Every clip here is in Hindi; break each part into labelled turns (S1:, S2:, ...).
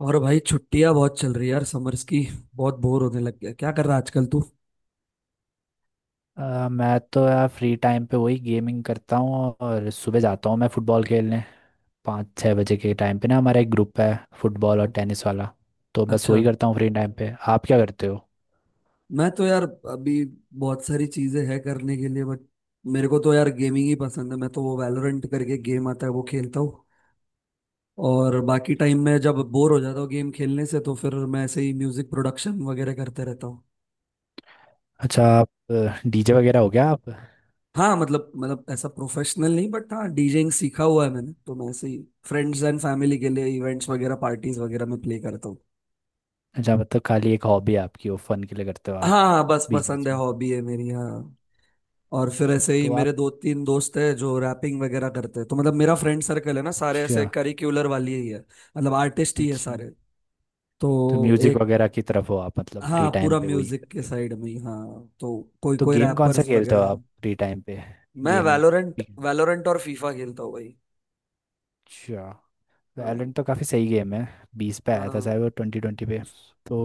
S1: और भाई छुट्टियां बहुत चल रही है यार समर्स की। बहुत बोर होने लग गया। क्या कर रहा है आजकल तू?
S2: मैं तो यार फ्री टाइम पे वही गेमिंग करता हूँ। और सुबह जाता हूँ मैं फुटबॉल खेलने। 5-6 बजे के टाइम पे ना, हमारा एक ग्रुप है फुटबॉल और टेनिस वाला। तो बस
S1: अच्छा।
S2: वही करता हूँ फ्री टाइम पे। आप क्या करते हो?
S1: मैं तो यार अभी बहुत सारी चीजें है करने के लिए बट मेरे को तो यार गेमिंग ही पसंद है। मैं तो वो वैलोरेंट करके गेम आता है वो खेलता हूँ। और बाकी टाइम में जब बोर हो जाता हूँ गेम खेलने से तो फिर मैं ऐसे ही म्यूजिक प्रोडक्शन वगैरह करते रहता हूँ।
S2: अच्छा, आप डीजे वगैरह हो गया आप?
S1: हाँ, मतलब ऐसा प्रोफेशनल नहीं बट हाँ, डीजेइंग सीखा हुआ है मैंने तो मैं ऐसे ही फ्रेंड्स एंड फैमिली के लिए इवेंट्स वगैरह पार्टीज वगैरह में प्ले करता हूँ।
S2: अच्छा, मतलब खाली एक हॉबी है आपकी, वो फन के लिए करते हो आप?
S1: हाँ हाँ, बस
S2: बीच बीच
S1: पसंद है,
S2: में।
S1: हॉबी है मेरी, हाँ। और फिर ऐसे ही
S2: तो आप?
S1: मेरे दो तीन दोस्त हैं जो रैपिंग वगैरह करते हैं तो मतलब मेरा फ्रेंड सर्कल है ना, सारे ऐसे
S2: अच्छा
S1: करिकुलर वाली ही है। मतलब आर्टिस्ट ही है
S2: अच्छा।
S1: सारे।
S2: तो
S1: तो
S2: म्यूजिक
S1: एक।
S2: वगैरह की तरफ हो आप? मतलब फ्री
S1: हाँ,
S2: टाइम
S1: पूरा
S2: पे वही
S1: म्यूजिक के
S2: करते हो?
S1: साइड में ही, हाँ। तो कोई
S2: तो
S1: कोई
S2: गेम कौन सा
S1: रैपर्स
S2: खेलते
S1: वगैरह
S2: हो
S1: है।
S2: आप फ्री टाइम पे?
S1: मैं
S2: गेमिंग।
S1: वैलोरेंट वैलोरेंट और फीफा खेलता हूँ भाई।
S2: अच्छा।
S1: हाँ
S2: वैलेंट तो काफ़ी सही गेम है। बीस पे आया था
S1: हाँ।
S2: शायद वो, 2020 पे। तो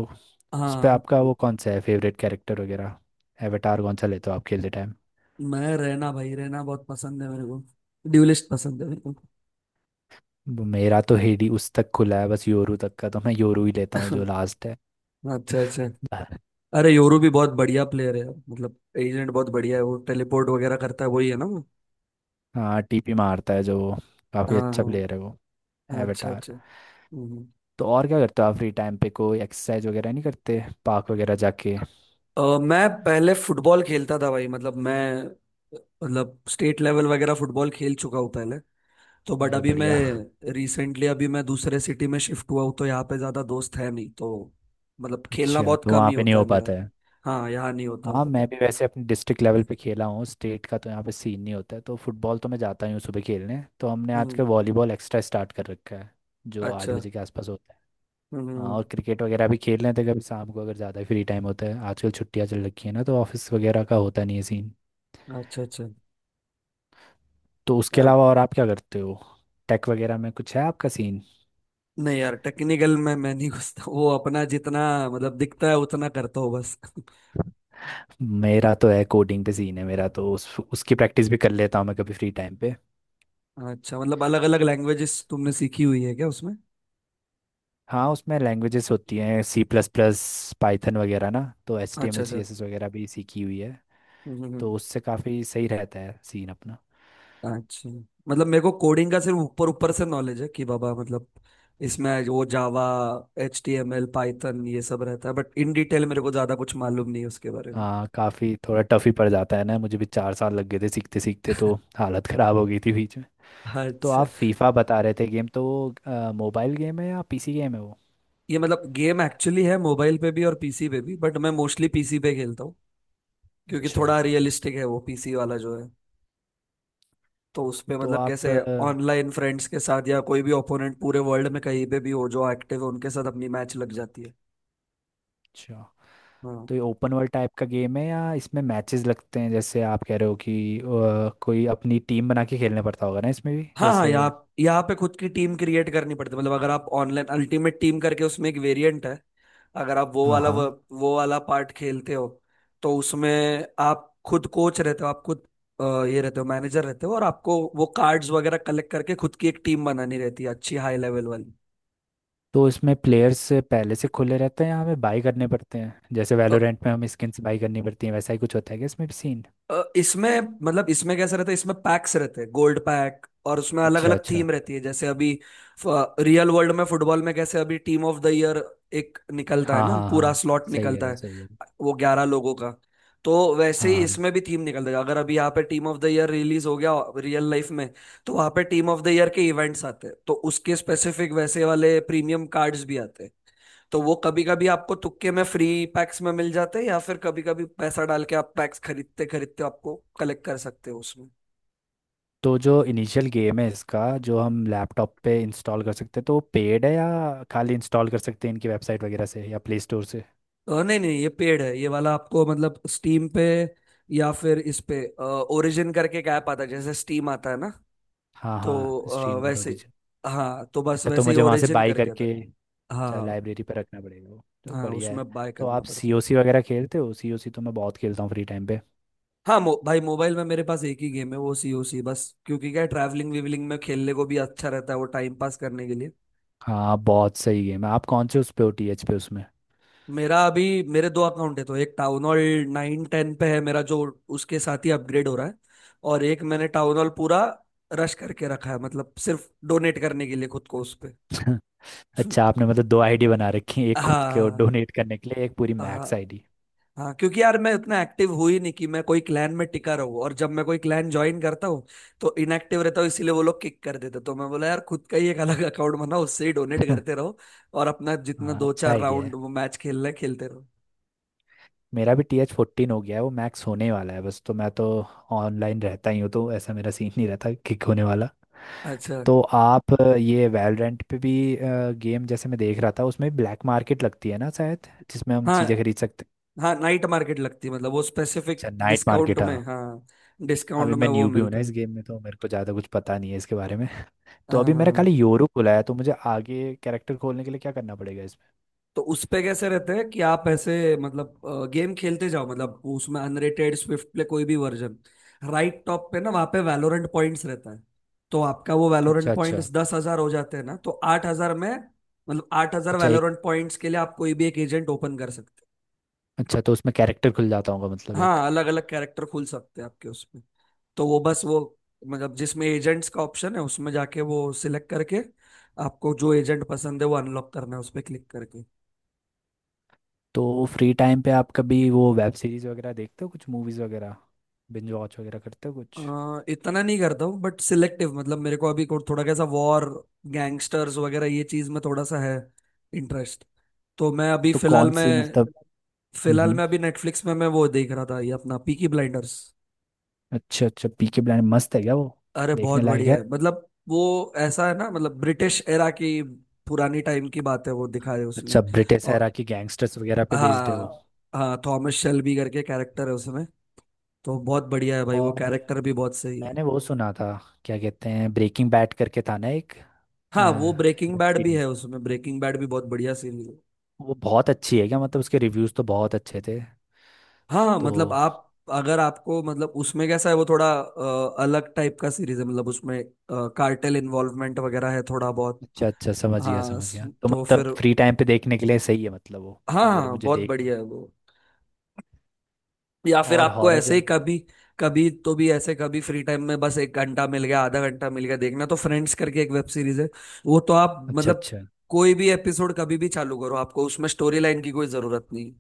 S2: उस पे
S1: हाँ
S2: आपका वो
S1: तभी।
S2: कौन सा है फेवरेट कैरेक्टर वगैरह? एवेटार कौन सा लेते हो आप खेलते टाइम?
S1: मैं रहना भाई, रहना बहुत पसंद है मेरे को। ड्यूलिस्ट पसंद है मेरे को।
S2: वो, मेरा तो हेडी उस तक खुला है, बस योरू तक का, तो मैं योरू ही लेता हूँ जो लास्ट है।
S1: अच्छा अच्छा। अरे योरू भी बहुत बढ़िया प्लेयर है, मतलब एजेंट बहुत बढ़िया है, वो टेलीपोर्ट वगैरह करता है वही है ना वो।
S2: हाँ, टीपी मारता है जो वो, काफ़ी
S1: हाँ
S2: अच्छा प्लेयर है
S1: हाँ,
S2: वो।
S1: अच्छा
S2: एवेटार।
S1: अच्छा। हम्म।
S2: तो और क्या करते हो आप फ्री टाइम पे? कोई एक्सरसाइज वगैरह नहीं करते, पार्क वगैरह जाके?
S1: मैं पहले फुटबॉल खेलता था भाई, मतलब मैं, मतलब स्टेट लेवल वगैरह फुटबॉल खेल चुका हूँ पहले। तो बट
S2: अरे
S1: अभी
S2: बढ़िया।
S1: मैं रिसेंटली, अभी मैं दूसरे सिटी में शिफ्ट हुआ हूँ तो यहाँ पे ज्यादा दोस्त है नहीं, तो मतलब खेलना
S2: अच्छा,
S1: बहुत
S2: तो
S1: कम
S2: वहाँ
S1: ही
S2: पे नहीं
S1: होता
S2: हो
S1: है मेरा।
S2: पाता है?
S1: हाँ, यहाँ नहीं होता
S2: हाँ,
S1: होता
S2: मैं
S1: है।
S2: भी वैसे अपने डिस्ट्रिक्ट लेवल पे खेला हूँ, स्टेट का तो यहाँ पे सीन नहीं होता है। तो फुटबॉल तो मैं जाता ही हूँ सुबह खेलने, तो हमने आजकल
S1: हम्म।
S2: वॉलीबॉल एक्स्ट्रा स्टार्ट कर रखा है जो आठ
S1: अच्छा।
S2: बजे के आसपास होता है। हाँ,
S1: हम्म।
S2: और क्रिकेट वगैरह भी खेल लेते हैं कभी शाम को, अगर ज़्यादा फ्री टाइम होता है। आजकल छुट्टियाँ चल रखी है ना, तो ऑफिस वगैरह का होता नहीं है सीन।
S1: अच्छा अच्छा।
S2: तो उसके
S1: यार
S2: अलावा और आप क्या करते हो? टेक वगैरह में कुछ है आपका सीन?
S1: नहीं यार, टेक्निकल में मैं नहीं घुसता, वो अपना जितना मतलब दिखता है उतना करता हो बस।
S2: मेरा तो है, कोडिंग पे सीन है मेरा तो, उस उसकी प्रैक्टिस भी कर लेता हूँ मैं कभी फ्री टाइम पे।
S1: अच्छा, मतलब अलग अलग लैंग्वेजेस तुमने सीखी हुई है क्या उसमें?
S2: हाँ, उसमें लैंग्वेजेस होती हैं सी प्लस प्लस, पाइथन वगैरह ना। तो एच टी एम
S1: अच्छा
S2: एल सी
S1: अच्छा।
S2: एस एस वगैरह भी सीखी हुई है।
S1: हम्म, हम्म,
S2: तो
S1: हम्म।
S2: उससे काफ़ी सही रहता है सीन अपना।
S1: अच्छा। मतलब मेरे को कोडिंग का सिर्फ ऊपर ऊपर से नॉलेज है कि बाबा, मतलब इसमें वो Java, H T M L, Python ये सब रहता है बट इन डिटेल मेरे को ज्यादा कुछ मालूम नहीं है उसके बारे में।
S2: हाँ, काफ़ी थोड़ा टफ ही पड़ जाता है ना, मुझे भी 4 साल लग गए थे सीखते सीखते। तो हालत ख़राब हो गई थी बीच में। तो आप
S1: अच्छा,
S2: फीफा बता रहे थे गेम, तो मोबाइल गेम है या पीसी गेम है वो?
S1: ये मतलब गेम एक्चुअली है मोबाइल पे भी और पीसी पे भी बट मैं मोस्टली पीसी पे खेलता हूँ क्योंकि
S2: अच्छा।
S1: थोड़ा रियलिस्टिक है वो पीसी वाला जो है। तो उसपे
S2: तो
S1: मतलब
S2: आप
S1: कैसे, ऑनलाइन फ्रेंड्स के साथ या कोई भी ओपोनेंट पूरे वर्ल्ड में कहीं पे भी हो जो एक्टिव है उनके साथ अपनी मैच लग जाती है।
S2: अच्छा,
S1: हाँ
S2: तो ये ओपन वर्ल्ड टाइप का गेम है या इसमें मैचेस लगते हैं, जैसे आप कह रहे हो कि कोई अपनी टीम बना के खेलना पड़ता होगा ना इसमें भी
S1: हाँ हाँ,
S2: जैसे?
S1: यहाँ यहाँ पे खुद की टीम क्रिएट करनी पड़ती है, मतलब अगर आप ऑनलाइन अल्टीमेट टीम करके उसमें एक वेरिएंट है। अगर आप वो
S2: हाँ
S1: वाला वो,
S2: हाँ।
S1: वो वाला पार्ट खेलते हो तो उसमें आप खुद कोच रहते हो, आप खुद ये रहते हो, मैनेजर रहते हो, और आपको वो कार्ड्स वगैरह कलेक्ट करके खुद की एक टीम बनानी रहती है, अच्छी हाई लेवल वाली।
S2: तो इसमें प्लेयर्स पहले से खुले रहते हैं या हमें बाई करने पड़ते हैं, जैसे वैलोरेंट में हमें स्किन्स बाई करनी पड़ती हैं, वैसा ही कुछ होता है क्या इसमें भी सीन?
S1: इसमें मतलब इसमें कैसा रहता है, इसमें पैक्स रहते हैं, गोल्ड पैक, और उसमें अलग
S2: अच्छा
S1: अलग
S2: अच्छा।
S1: थीम रहती है जैसे अभी, रियल वर्ल्ड में फुटबॉल में कैसे अभी टीम ऑफ द ईयर एक निकलता है
S2: हाँ
S1: ना,
S2: हाँ
S1: पूरा
S2: हाँ,
S1: स्लॉट
S2: सही कह रहे
S1: निकलता
S2: हो,
S1: है,
S2: सही कह रहे हो।
S1: वो 11 लोगों का। तो वैसे
S2: हाँ
S1: ही
S2: हाँ।
S1: इसमें भी थीम निकल जाएगा अगर अभी यहाँ पे team of the year release हो गया रियल लाइफ में, तो वहाँ पे टीम ऑफ द ईयर के इवेंट्स आते हैं, तो उसके स्पेसिफिक वैसे वाले प्रीमियम कार्ड्स भी आते हैं। तो वो कभी कभी आपको तुक्के में फ्री पैक्स में मिल जाते हैं, या फिर कभी कभी पैसा डाल के आप पैक्स खरीदते खरीदते आपको कलेक्ट कर सकते हो उसमें।
S2: तो जो इनिशियल गेम है इसका, जो हम लैपटॉप पे इंस्टॉल कर सकते हैं, तो वो पेड है या खाली इंस्टॉल कर सकते हैं इनकी वेबसाइट वगैरह से या प्ले स्टोर से?
S1: नहीं नहीं, ये पेड है, ये वाला आपको मतलब स्टीम पे या फिर इस पे ओरिजिन करके एक ऐप आता है जैसे स्टीम आता है ना।
S2: हाँ
S1: तो
S2: हाँ, स्ट्रीम और
S1: वैसे,
S2: ओरिजिन।
S1: हाँ तो बस
S2: अच्छा, तो
S1: वैसे ही
S2: मुझे वहाँ से
S1: ओरिजिन
S2: बाई
S1: करके था।
S2: करके। अच्छा,
S1: हाँ
S2: लाइब्रेरी पे रखना पड़ेगा वो, तो
S1: हाँ,
S2: बढ़िया है।
S1: उसमें बाय
S2: तो
S1: करना
S2: आप
S1: पड़ता
S2: सी
S1: है।
S2: ओ सी वगैरह खेलते हो? सी ओ सी तो मैं बहुत खेलता हूँ फ्री टाइम पे।
S1: हाँ, भाई मोबाइल में मेरे पास एक ही गेम है वो सी ओ सी, बस क्योंकि क्या ट्रैवलिंग वीवलिंग में खेलने को भी अच्छा रहता है वो टाइम पास करने के लिए।
S2: हाँ, बहुत सही गेम है। आप कौन से उस पे हो, टीएच पे उसमें?
S1: मेरा, अभी मेरे दो अकाउंट है तो एक टाउन हॉल नाइन टेन पे है मेरा जो उसके साथ ही अपग्रेड हो रहा है, और एक मैंने टाउन हॉल पूरा रश करके रखा है, मतलब सिर्फ डोनेट करने के लिए खुद को उस पे।
S2: अच्छा, आपने मतलब दो आईडी बना रखी है, एक खुद के और
S1: हाँ
S2: डोनेट करने के लिए एक पूरी
S1: हाँ
S2: मैक्स आईडी?
S1: हाँ, क्योंकि यार मैं उतना एक्टिव हुई नहीं कि मैं कोई क्लैन में टिका रहूं, और जब मैं कोई क्लैन ज्वाइन करता हूँ तो इनएक्टिव रहता हूँ इसीलिए वो लोग किक कर देते, तो मैं बोला यार खुद का ही एक अलग अकाउंट बनाओ, उससे ही डोनेट करते रहो और अपना जितना
S2: हाँ,
S1: दो
S2: अच्छा
S1: चार
S2: आइडिया
S1: राउंड
S2: है।
S1: मैच खेलना है खेलते रहो।
S2: मेरा भी टी एच 14 हो गया है, वो मैक्स होने वाला है बस। तो मैं तो ऑनलाइन रहता ही हूँ, तो ऐसा मेरा सीन नहीं रहता किक होने वाला।
S1: अच्छा।
S2: तो आप ये वैलोरेंट पे भी गेम, जैसे मैं देख रहा था, उसमें ब्लैक मार्केट लगती है ना शायद, जिसमें हम
S1: हाँ
S2: चीज़ें खरीद सकते हैं।
S1: हाँ, नाइट मार्केट लगती है, मतलब वो स्पेसिफिक
S2: अच्छा, नाइट
S1: डिस्काउंट
S2: मार्केट,
S1: में,
S2: हाँ।
S1: हाँ,
S2: अभी
S1: डिस्काउंट में
S2: मैं
S1: वो
S2: न्यू भी हूँ ना
S1: मिलता
S2: इस
S1: है।
S2: गेम में, तो मेरे को ज़्यादा कुछ पता नहीं है इसके बारे में। तो अभी मेरा
S1: हाँ,
S2: खाली यूरो खुला है, तो मुझे आगे कैरेक्टर खोलने के लिए क्या करना पड़ेगा इसमें?
S1: तो उस पे कैसे रहते हैं कि आप ऐसे मतलब गेम खेलते जाओ, मतलब उसमें अनरेटेड, स्विफ्ट प्ले, कोई भी वर्जन, राइट टॉप पे ना वहाँ पे वैलोरेंट पॉइंट्स रहता है। तो आपका वो
S2: अच्छा
S1: वैलोरेंट
S2: अच्छा।
S1: पॉइंट्स 10,000 हो जाते हैं ना, तो 8,000 में, मतलब 8,000
S2: अच्छा एक।
S1: वैलोरेंट पॉइंट्स के लिए आप कोई भी एक एजेंट ओपन कर सकते
S2: अच्छा, तो उसमें कैरेक्टर खुल जाता होगा मतलब
S1: हैं।
S2: एक।
S1: हाँ, अलग अलग कैरेक्टर खुल सकते हैं आपके उसमें। तो वो बस, वो मतलब जिसमें एजेंट्स का ऑप्शन है उसमें जाके वो सिलेक्ट करके, आपको जो एजेंट पसंद है वो अनलॉक करना है उस पर क्लिक करके।
S2: तो फ्री टाइम पे आप कभी वो वेब सीरीज वगैरह देखते हो? कुछ मूवीज वगैरह बिंज वॉच वगैरह करते हो कुछ?
S1: इतना नहीं करता हूँ बट सिलेक्टिव, मतलब मेरे को अभी थोड़ा कैसा, वॉर, गैंगस्टर्स वगैरह ये चीज में थोड़ा सा है इंटरेस्ट। तो मैं अभी
S2: तो
S1: फिलहाल
S2: कौन
S1: में
S2: सी, मतलब? हम्म
S1: फिलहाल
S2: हम्म।
S1: में अभी नेटफ्लिक्स में मैं वो देख रहा था ये अपना पीकी ब्लाइंडर्स।
S2: अच्छा अच्छा, पीके ब्लाइंडर मस्त है क्या वो?
S1: अरे
S2: देखने
S1: बहुत
S2: लायक
S1: बढ़िया
S2: है?
S1: है, मतलब वो ऐसा है ना, मतलब ब्रिटिश एरा की पुरानी टाइम की बात है वो, दिखाए उसमें।
S2: अच्छा, ब्रिटिश एरा
S1: और
S2: की गैंगस्टर्स वगैरह पे बेस्ड है वो?
S1: हाँ हाँ, थॉमस शेल्बी करके कैरेक्टर है उसमें, तो बहुत बढ़िया है भाई, वो
S2: और
S1: कैरेक्टर भी बहुत सही है।
S2: मैंने वो सुना था, क्या कहते हैं, ब्रेकिंग बैड करके था ना एक
S1: हाँ, वो ब्रेकिंग
S2: वेब
S1: बैड भी है
S2: सीरीज।
S1: उसमें, ब्रेकिंग बैड भी बहुत बढ़िया सीरीज है।
S2: वो बहुत अच्छी है क्या? मतलब उसके रिव्यूज तो बहुत अच्छे थे।
S1: हाँ,
S2: तो
S1: मतलब आप, अगर आपको मतलब उसमें कैसा है वो, थोड़ा अलग टाइप का सीरीज है, मतलब उसमें कार्टेल इन्वॉल्वमेंट वगैरह है थोड़ा बहुत।
S2: अच्छा अच्छा, समझ गया,
S1: हाँ,
S2: समझ गया। तो
S1: तो फिर
S2: मतलब फ्री टाइम पे देखने के लिए सही है मतलब वो,
S1: हाँ
S2: अगर
S1: हाँ
S2: मुझे
S1: बहुत
S2: देखनी।
S1: बढ़िया है वो। या फिर
S2: और
S1: आपको
S2: हॉरर
S1: ऐसे ही
S2: जॉनर?
S1: कभी, कभी तो भी ऐसे कभी फ्री टाइम में बस एक घंटा मिल गया, आधा घंटा मिल गया देखना तो, फ्रेंड्स करके एक वेब सीरीज है, वो तो आप
S2: अच्छा
S1: मतलब
S2: अच्छा।
S1: कोई भी एपिसोड कभी भी चालू करो, आपको उसमें स्टोरी लाइन की कोई जरूरत नहीं।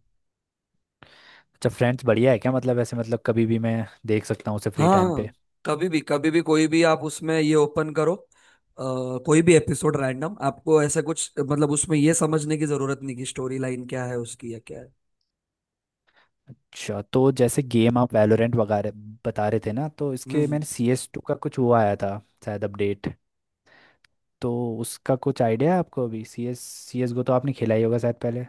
S2: अच्छा, फ्रेंड्स बढ़िया है क्या? मतलब ऐसे मतलब कभी भी मैं देख सकता हूँ उसे फ्री टाइम पे?
S1: हाँ, कभी भी कभी भी कोई भी आप उसमें ये ओपन करो, कोई भी एपिसोड रैंडम, आपको ऐसा कुछ मतलब उसमें ये समझने की जरूरत नहीं कि स्टोरी लाइन क्या है उसकी या क्या है।
S2: अच्छा, तो जैसे गेम आप वैलोरेंट वगैरह बता रहे थे ना, तो इसके
S1: हम्म।
S2: मैंने सी एस 2 का कुछ वो आया था शायद अपडेट। तो उसका कुछ आइडिया है आपको? अभी C S, C S go तो आपने खेला ही होगा शायद पहले।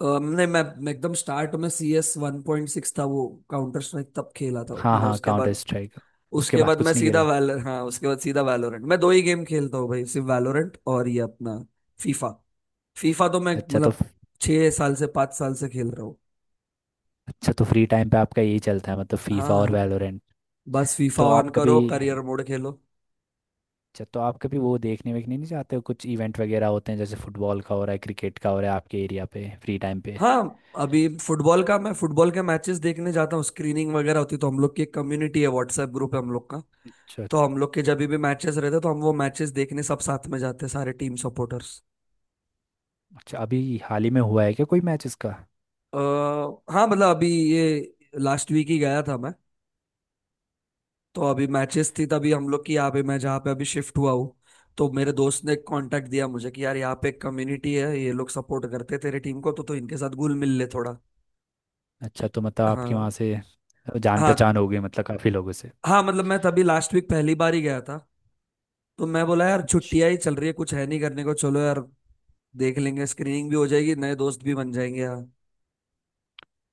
S1: नहीं, मैं एकदम स्टार्ट में सी एस 1.6 था वो, काउंटर स्ट्राइक तब खेला था
S2: हाँ
S1: मैंने
S2: हाँ,
S1: उसके
S2: काउंटर
S1: बाद।
S2: स्ट्राइक। उसके
S1: उसके
S2: बाद
S1: बाद मैं
S2: कुछ नहीं
S1: सीधा
S2: खेला?
S1: वैल हाँ उसके बाद सीधा वैलोरेंट, मैं दो ही गेम खेलता हूँ भाई, सिर्फ वैलोरेंट और ये अपना फीफा फीफा तो मैं
S2: अच्छा, तो।
S1: मतलब 6 साल से, 5 साल से खेल रहा हूँ।
S2: अच्छा, तो फ्री टाइम पे आपका यही चलता है मतलब फीफा और
S1: हाँ,
S2: वैलोरेंट?
S1: बस फीफा
S2: तो
S1: ऑन
S2: आप कभी।
S1: करो, करियर मोड खेलो।
S2: अच्छा, तो आप कभी वो देखने वेखने नहीं जाते हो? कुछ इवेंट वगैरह होते हैं जैसे फुटबॉल का हो रहा है, क्रिकेट का हो रहा है आपके एरिया पे फ्री टाइम पे?
S1: हाँ, अभी फुटबॉल का, मैं फुटबॉल के मैचेस देखने जाता हूँ, स्क्रीनिंग वगैरह होती है, तो हम लोग की एक कम्युनिटी है, व्हाट्सएप ग्रुप है हम लोग का।
S2: अच्छा।
S1: तो हम लोग के जब भी मैचेस रहते हैं, तो हम वो मैचेस देखने सब साथ में जाते हैं, सारे टीम सपोर्टर्स।
S2: अच्छा, अभी हाल ही में हुआ है क्या कोई मैच इसका?
S1: आ, हाँ मतलब अभी ये लास्ट वीक ही गया था मैं। तो अभी मैचेस थी तभी हम लोग की, यहाँ पे मैं जहाँ पे अभी शिफ्ट हुआ हूँ, तो मेरे दोस्त ने कांटेक्ट दिया मुझे कि यार यहाँ पे एक कम्युनिटी है, ये लोग सपोर्ट करते तेरे टीम को तो इनके साथ घुल मिल ले थोड़ा।
S2: अच्छा, तो मतलब आपके
S1: हाँ
S2: वहाँ से जान
S1: हाँ
S2: पहचान हो गई मतलब काफ़ी लोगों से?
S1: हाँ, मतलब मैं तभी लास्ट वीक पहली बार ही गया था। तो मैं बोला यार
S2: अच्छा।
S1: छुट्टियां ही चल रही है कुछ है नहीं करने को, चलो यार देख लेंगे, स्क्रीनिंग भी हो जाएगी, नए दोस्त भी बन जाएंगे यार।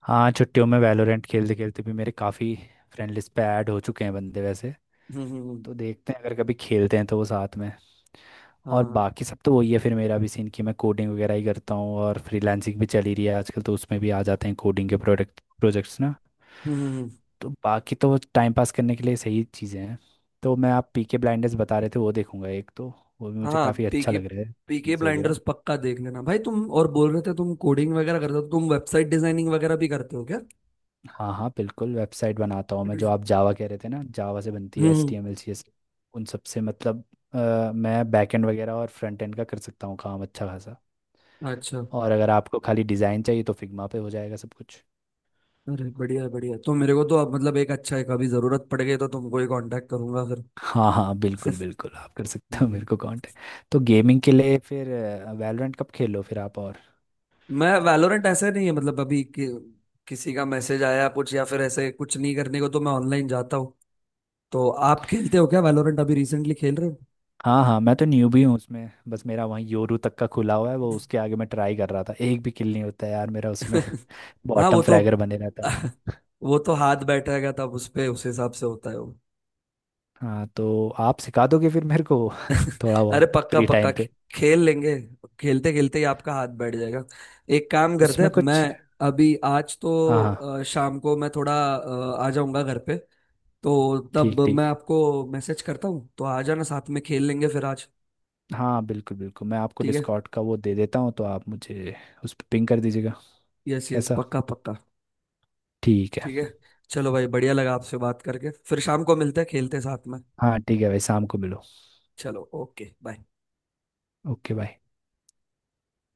S2: हाँ, छुट्टियों में वैलोरेंट खेलते खेलते भी मेरे काफ़ी फ्रेंड लिस्ट पे ऐड हो चुके हैं बंदे वैसे।
S1: हम्म हम्म हम्म,
S2: तो देखते हैं अगर कभी खेलते हैं तो वो साथ में। और
S1: हाँ।
S2: बाकी सब तो वही है फिर, मेरा भी सीन कि मैं कोडिंग वगैरह ही करता हूँ, और फ्रीलांसिंग भी चली रही है आजकल, तो उसमें भी आ जाते हैं कोडिंग के प्रोडक्ट प्रोजेक्ट्स ना।
S1: हम्म हम्म, हम्म,
S2: तो बाकी तो टाइम पास करने के लिए सही चीज़ें हैं। तो मैं, आप पीके ब्लाइंडर्स बता रहे थे वो देखूंगा एक तो। वो भी मुझे
S1: हाँ,
S2: काफ़ी अच्छा
S1: पीके
S2: लग रहा है,
S1: पीके
S2: चीज़ वगैरह।
S1: ब्लाइंडर्स पक्का देख लेना भाई। तुम और बोल रहे थे तुम कोडिंग वगैरह करते हो तो तुम वेबसाइट डिजाइनिंग वगैरह भी करते हो क्या?
S2: हाँ हाँ, बिल्कुल, वेबसाइट बनाता हूँ मैं, जो आप जावा कह रहे थे ना, जावा से बनती है
S1: हम्म हम्म।
S2: H T M L C S, उन सब से मतलब। मैं बैकएंड वगैरह और फ्रंट एंड का कर सकता हूँ काम अच्छा खासा।
S1: अच्छा।
S2: और अगर आपको खाली डिज़ाइन चाहिए तो फिग्मा पे हो जाएगा सब कुछ।
S1: अरे बढ़िया है, बढ़िया है। तो मेरे को तो अब मतलब एक अच्छा है, कभी जरूरत पड़ गई तो तुमको ही कांटेक्ट करूंगा फिर।
S2: हाँ हाँ, बिल्कुल बिल्कुल, आप कर सकते हो
S1: हम्म।
S2: मेरे को कांटेक्ट। तो गेमिंग के लिए फिर वैलोरेंट कब खेलो फिर आप? और
S1: मैं वैलोरेंट ऐसे नहीं है, मतलब अभी कि, किसी का मैसेज आया कुछ या फिर ऐसे कुछ नहीं करने को तो मैं ऑनलाइन जाता हूँ। तो आप खेलते हो क्या वैलोरेंट, अभी रिसेंटली खेल रहे हो?
S2: हाँ हाँ, मैं तो न्यूबी हूँ उसमें, बस मेरा वहीं योरू तक का खुला हुआ है वो, उसके आगे मैं ट्राई कर रहा था, एक भी किल नहीं होता है यार मेरा उसमें।
S1: हाँ,
S2: बॉटम
S1: वो तो।
S2: फ्रैगर बने रहता है मैं।
S1: वो तो हाथ बैठेगा तब, उस पे उस हिसाब से होता है वो।
S2: हाँ, तो आप सिखा दोगे फिर मेरे को? थोड़ा
S1: अरे
S2: बहुत
S1: पक्का
S2: फ्री
S1: पक्का,
S2: टाइम पे।
S1: खेल लेंगे, खेलते खेलते ही आपका हाथ बैठ जाएगा। एक काम करते हैं,
S2: उसमें
S1: मैं
S2: कुछ।
S1: अभी आज तो,
S2: हाँ हाँ,
S1: शाम को मैं थोड़ा आ जाऊंगा घर पे, तो
S2: ठीक
S1: तब मैं
S2: ठीक।
S1: आपको मैसेज करता हूँ तो आ जाना साथ में खेल लेंगे फिर आज।
S2: हाँ बिल्कुल बिल्कुल, मैं आपको
S1: ठीक है,
S2: डिस्कॉर्ड का वो दे देता हूँ, तो आप मुझे उस पर पिंग कर दीजिएगा।
S1: यस यस
S2: कैसा?
S1: पक्का पक्का,
S2: ठीक है।
S1: ठीक है। चलो भाई, बढ़िया लगा आपसे बात करके, फिर शाम को मिलते हैं खेलते हैं साथ में।
S2: हाँ ठीक है भाई, शाम को मिलो।
S1: चलो, ओके बाय।
S2: Okay bye.